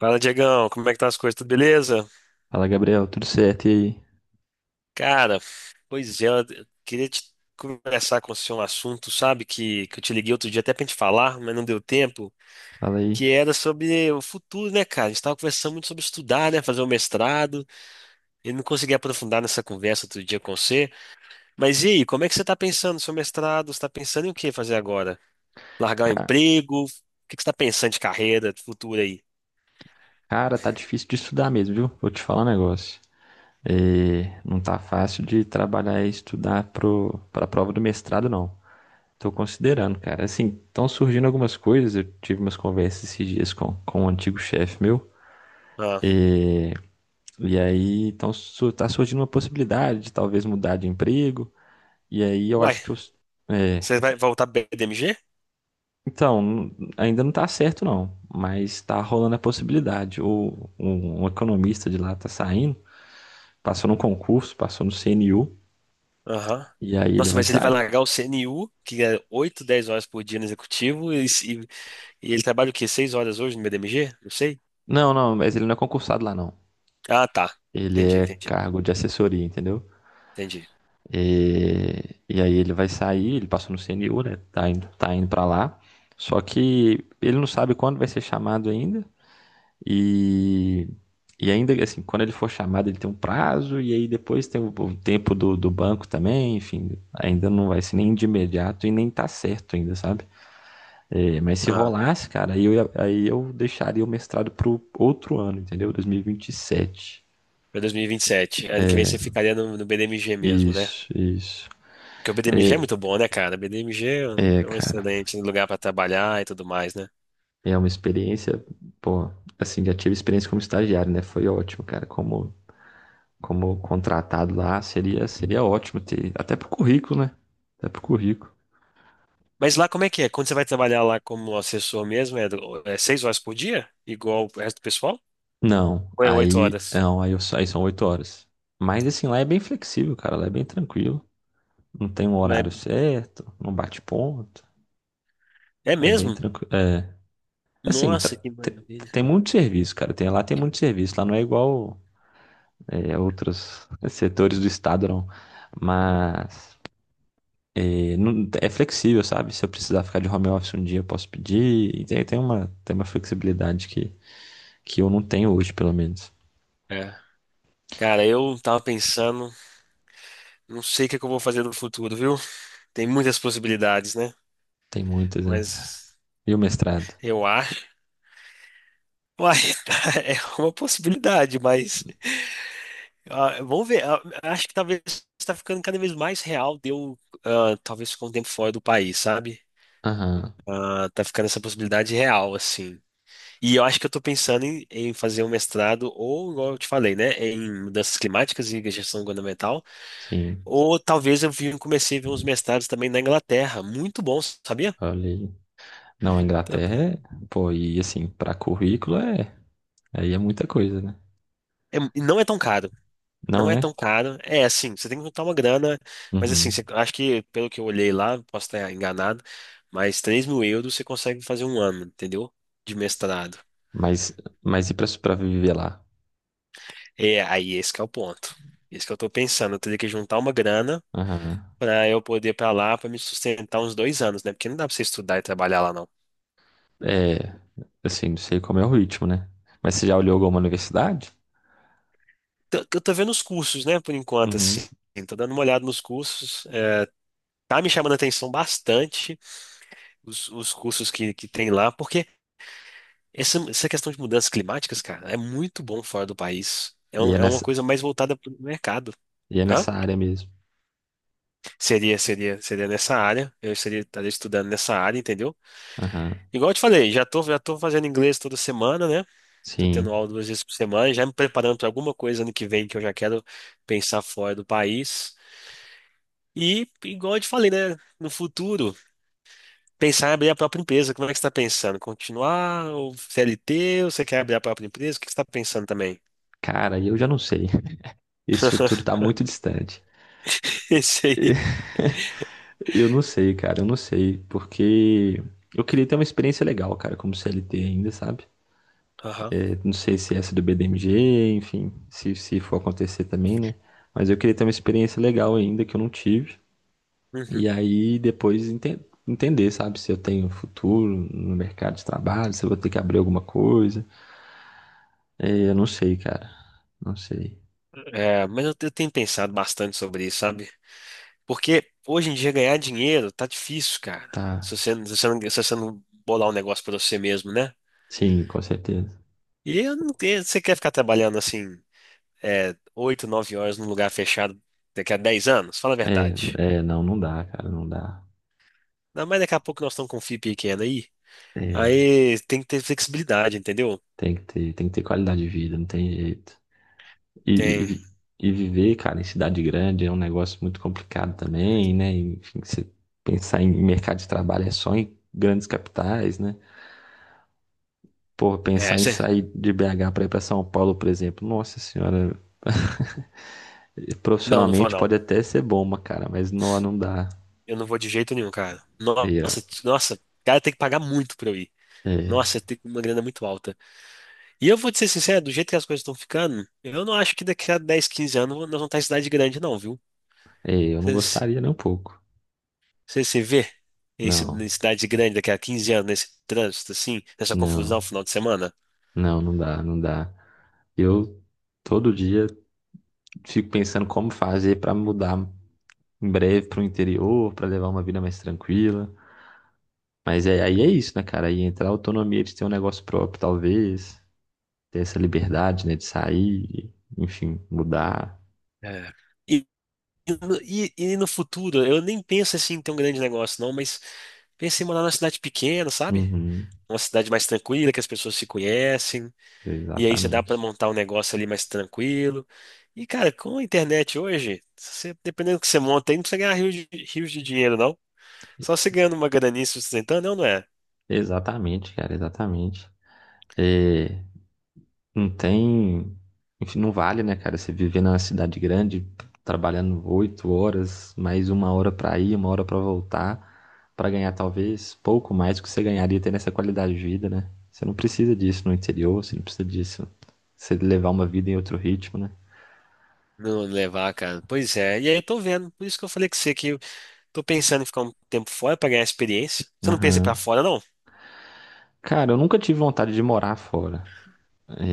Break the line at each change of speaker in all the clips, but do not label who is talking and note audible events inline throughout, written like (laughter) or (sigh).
Fala, Diegão, como é que tá as coisas? Tudo beleza?
Fala, Gabriel, tudo certo? E aí?
Cara, pois é, eu queria te conversar com você um assunto, sabe, que eu te liguei outro dia até pra gente falar, mas não deu tempo,
Fala aí.
que era sobre o futuro, né, cara? A gente tava conversando muito sobre estudar, né, fazer o mestrado, e não consegui aprofundar nessa conversa outro dia com você. Mas e aí, como é que você tá pensando no seu mestrado? Você tá pensando em o que fazer agora? Largar o
Ca-
emprego? O que que você tá pensando de carreira, de futuro aí?
Cara, tá difícil de estudar mesmo, viu? Vou te falar um negócio. Não tá fácil de trabalhar e estudar pra prova do mestrado, não. Tô considerando, cara. Assim, estão surgindo algumas coisas. Eu tive umas conversas esses dias com um antigo chefe meu.
Ah,
É, e aí tá surgindo uma possibilidade de talvez mudar de emprego. E aí eu
uai,
acho que é,
você vai voltar pra BDMG?
Então, ainda não tá certo não, mas tá rolando a possibilidade. Um economista de lá tá saindo, passou num concurso, passou no CNU,
Aham.
e aí ele
Nossa,
vai
mas ele vai
sair.
largar o CNU, que é 8 10 horas por dia no executivo, e, se- e ele trabalha o quê? 6 horas hoje no BDMG? Não sei.
Não, não, mas ele não é concursado lá não.
Ah, tá.
Ele
Entendi,
é
entendi,
cargo de assessoria, entendeu?
entendi.
E aí ele vai sair, ele passou no CNU, né? Tá indo pra lá. Só que ele não sabe quando vai ser chamado ainda. E, e ainda assim, quando ele for chamado, ele tem um prazo, e aí depois tem o tempo do banco também, enfim, ainda não vai ser nem de imediato e nem tá certo ainda, sabe? É, mas se
Ah,
rolasse, cara, aí eu deixaria o mestrado pro outro ano, entendeu? 2027.
para dois mil e vinte e sete, ano que vem você ficaria no BDMG mesmo, né?
Isso, isso.
Porque o BDMG é
É,
muito bom, né, cara? O BDMG é um é um
Cara,
excelente lugar para trabalhar e tudo mais, né?
é uma experiência, pô, assim, já tive experiência como estagiário, né? Foi ótimo, cara, como contratado lá, seria ótimo ter, até pro currículo, né? Até pro currículo.
Mas lá como é que é? Quando você vai trabalhar lá como assessor mesmo, é 6 horas por dia? Igual o resto do pessoal?
Não,
Ou é oito
aí,
horas?
não, aí, eu, Aí são oito horas. Mas assim, lá é bem flexível, cara, lá é bem tranquilo. Não tem um
Não. É
horário certo, não bate ponto,
é
é bem
mesmo?
tranquilo. É, assim,
Nossa,
tra-
que
te-
maravilha.
tem muito serviço, cara, lá tem muito serviço, lá não é igual outros setores do estado, não. Mas É flexível, sabe? Se eu precisar ficar de home office um dia, eu posso pedir. E tem uma flexibilidade que eu não tenho hoje, pelo menos.
É. Cara, eu tava pensando, não sei o que é que eu vou fazer no futuro, viu? Tem muitas possibilidades, né?
Tem muitas, né?
Mas
E o mestrado?
eu acho. Uai, (laughs) é uma possibilidade, mas. Ah, vamos ver. Ah, acho que talvez tá ficando cada vez mais real de eu, ah, talvez ficar um tempo fora do país, sabe?
Aham,
Ah, tá ficando essa possibilidade real, assim. E eu acho que eu tô pensando em fazer um mestrado, ou, igual eu te falei, né? Em mudanças climáticas e gestão governamental.
sim.
Ou talvez eu comecei a ver uns mestrados também na Inglaterra. Muito bom, sabia?
Olha aí. Não, a
Então,
Inglaterra é. Pô, e assim, pra currículo é. Aí é muita coisa, né?
é, e não é tão caro.
Não
Não é
é?
tão caro. É assim, você tem que juntar uma grana, mas assim,
Uhum.
você, acho que, pelo que eu olhei lá, posso estar enganado, mas €3.000 você consegue fazer um ano, entendeu? De mestrado.
Mas, mas e pra viver lá?
É, aí esse que é o ponto. Isso que eu tô pensando. Eu teria que juntar uma grana
Aham.
pra eu poder ir pra lá, pra me sustentar uns 2 anos, né? Porque não dá pra você estudar e trabalhar lá, não.
É. Assim, não sei como é o ritmo, né? Mas você já olhou alguma universidade?
Eu tô vendo os cursos, né, por enquanto,
Uhum.
assim. Tô dando uma olhada nos cursos. Tá me chamando a atenção bastante os cursos que tem lá, porque essa questão de mudanças climáticas, cara, é muito bom fora do país.
E é
É uma
nessa,
coisa mais voltada para o mercado.
e é
Hã?
nessa área mesmo.
Seria nessa área. Eu estaria estudando nessa área, entendeu?
Aham.
Igual eu te falei, já tô fazendo inglês toda semana, né? Tô tendo
Sim.
aula duas vezes por semana, já me preparando para alguma coisa ano que vem que eu já quero pensar fora do país. E, igual eu te falei, né? No futuro. Pensar em abrir a própria empresa, como é que você está pensando? Continuar ou CLT? Ou você quer abrir a própria empresa? O que que você está pensando também?
Cara, eu já não sei. Esse futuro tá muito distante.
(laughs) Esse aí.
(laughs) Eu não sei, cara, eu não sei, porque eu queria ter uma experiência legal, cara, como CLT ainda, sabe?
Aham.
É, não sei se essa do BDMG, enfim, se for acontecer também, né? Mas eu queria ter uma experiência legal ainda que eu não tive.
Uhum.
E aí depois entender, sabe, se eu tenho um futuro no mercado de trabalho, se eu vou ter que abrir alguma coisa. É, eu não sei, cara, não sei.
É, mas eu tenho pensado bastante sobre isso, sabe? Porque hoje em dia ganhar dinheiro tá difícil, cara.
Tá,
Se você, não, se você não bolar um negócio pra você mesmo, né?
sim, com certeza.
E eu não tenho, você quer ficar trabalhando assim, é, 8, 9 horas num lugar fechado daqui a 10 anos? Fala a
É,
verdade.
não, não dá, cara, não dá.
Não, mas daqui a pouco nós estamos com um FII pequeno aí.
É,
Aí tem que ter flexibilidade, entendeu?
tem que tem que ter qualidade de vida, não tem jeito. E, e,
Tem.
vi- e viver, cara, em cidade grande é um negócio muito complicado também, né? Enfim, você pensar em mercado de trabalho é só em grandes capitais, né? Pô,
É,
pensar em
você.
sair de BH para ir para São Paulo, por exemplo, nossa senhora,
Não, não vou
profissionalmente
não.
pode até ser bom, mas, cara, não dá.
Eu não vou de jeito nenhum, cara.
E, ó,
Nossa, nossa, o cara tem que pagar muito pra eu ir.
é,
Nossa, tem uma grana muito alta. E eu vou te ser sincero, do jeito que as coisas estão ficando, eu não acho que daqui a 10, 15 anos nós vamos estar em cidade grande, não, viu?
eu não
Você
gostaria nem um pouco.
se vê em em
Não,
cidade grande daqui a 15 anos, nesse trânsito, assim, nessa confusão
não,
no final de semana?
não dá, não dá. Eu todo dia fico pensando como fazer para mudar em breve para o interior, para levar uma vida mais tranquila. Mas é, aí é isso, né, cara? Aí entra a autonomia de ter um negócio próprio, talvez, ter essa liberdade, né, de sair, enfim, mudar.
É. E, e no futuro, eu nem penso assim em ter um grande negócio, não, mas pensei em morar numa cidade pequena, sabe?
Uhum,
Uma cidade mais tranquila, que as pessoas se conhecem. E aí já dá para
exatamente.
montar um negócio ali mais tranquilo. E, cara, com a internet hoje, se você- dependendo do que você monta aí, não precisa ganhar rios de dinheiro, não. Só você ganhando uma graninha se sustentando, não, não é?
Exatamente, cara, exatamente. É, Não tem. Enfim, não vale, né, cara? Você viver na cidade grande, trabalhando oito horas, mais uma hora pra ir, uma hora pra voltar, pra ganhar talvez pouco mais do que você ganharia tendo essa qualidade de vida, né? Você não precisa disso no interior, você não precisa disso. Você levar uma vida em outro ritmo, né?
Não levar, cara. Pois é. E aí eu tô vendo. Por isso que eu falei com você que eu tô pensando em ficar um tempo fora pra ganhar experiência. Você não pensa em ir pra
Aham.
fora, não?
Cara, eu nunca tive vontade de morar fora.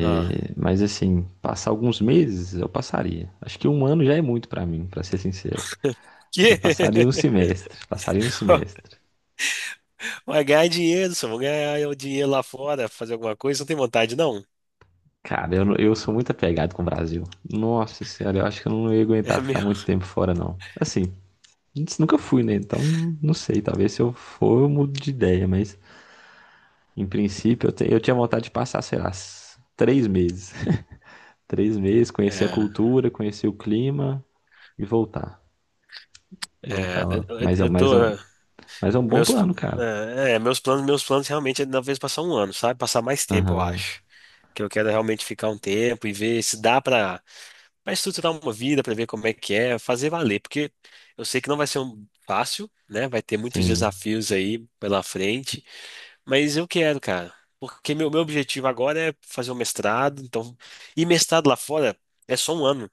Ah.
mas assim, passar alguns meses eu passaria. Acho que um ano já é muito pra mim, pra ser sincero. Eu
Que?
passaria um semestre, passaria um
(laughs)
semestre.
Vai ganhar dinheiro, só vou ganhar o dinheiro lá fora, fazer alguma coisa, não tem vontade, não.
Cara, eu, não- Eu sou muito apegado com o Brasil. Nossa senhora, eu acho que eu não ia aguentar
É
ficar
meu.
muito tempo fora, não. Assim, antes nunca fui, né? Então não, não sei. Talvez se eu for, eu mudo de ideia, mas em princípio eu tinha vontade de passar, sei lá, três meses. (laughs) Três meses, conhecer a
É,
cultura, conhecer o clima e voltar.
é,
Voltar lá.
eu eu tô.
Mas é um bom
Meus,
plano, cara.
é, é, meus planos realmente é talvez passar um ano, sabe? Passar mais tempo, eu
Aham.
acho. Que eu quero realmente ficar um tempo e ver se dá pra estruturar uma vida, pra ver como é que é, fazer valer, porque eu sei que não vai ser um fácil, né? Vai ter muitos
Sim.
desafios aí pela frente, mas eu quero, cara. Porque meu objetivo agora é fazer um mestrado, então, e mestrado lá fora é só um ano.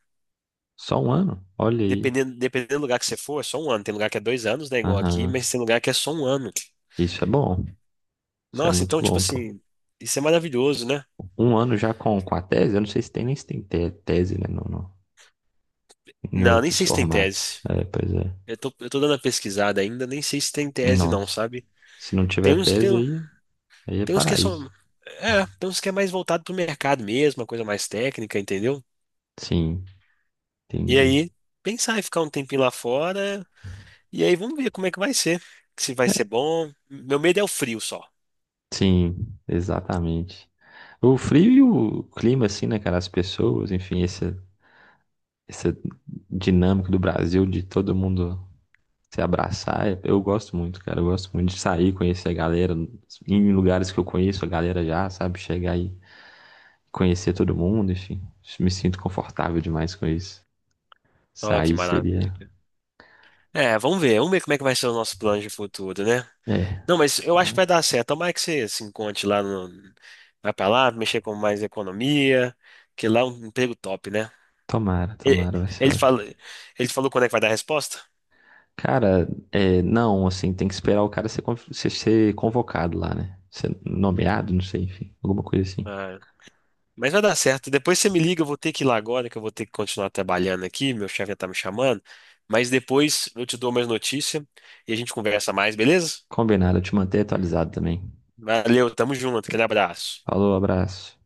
Só um ano? Olha aí.
Dependendo do lugar que você for, é só um ano. Tem lugar que é 2 anos, né? Igual aqui,
Aham.
mas tem lugar que é só um ano.
Isso é bom. Isso é
Nossa,
muito
então, tipo
bom, pô.
assim, isso é maravilhoso, né?
Um ano já com a tese, eu não sei se tem, nem se tem tese, né? Não, não. Em
Não, nem
outros
sei se tem
formatos.
tese.
É, pois é.
Eu tô dando a pesquisada ainda, nem sei se tem tese não,
Nossa.
sabe?
Se não
Tem
tiver
uns que tem,
tese, aí, aí é
tem uns que
paraíso.
são, é, tem uns que é mais voltado pro mercado mesmo, uma coisa mais técnica, entendeu?
Sim,
E
entendi.
aí, pensar em ficar um tempinho lá fora, e aí vamos ver como é que vai ser, se vai ser bom. Meu medo é o frio só.
Sim, exatamente. O frio e o clima, assim, né, cara? As pessoas, enfim, essa dinâmica do Brasil de todo mundo se abraçar, eu gosto muito, cara. Eu gosto muito de sair, conhecer a galera, em lugares que eu conheço, a galera já, sabe? Chegar aí conhecer todo mundo, enfim. Me sinto confortável demais com isso.
Ó, que
Sair seria.
maravilha. É, vamos ver como é que vai ser o nosso plano de futuro, né?
É.
Não, mas eu acho que
Então,
vai dar certo. Tomara que você se encontre lá no. Vai pra lá, mexer com mais economia, que lá é um emprego top, né? E-
tomara, vai ser
Ele,
ótimo.
fala, ele falou quando é que vai dar a resposta?
Cara, é, não, assim, tem que esperar o cara ser convocado lá, né? Ser nomeado, não sei, enfim, alguma coisa assim.
Ah, mas vai dar certo. Depois você me liga, eu vou ter que ir lá agora, que eu vou ter que continuar trabalhando aqui. Meu chefe já tá me chamando. Mas depois eu te dou mais notícia e a gente conversa mais, beleza?
Combinado, eu te manter atualizado também.
Valeu, tamo junto, aquele abraço.
Falou, abraço.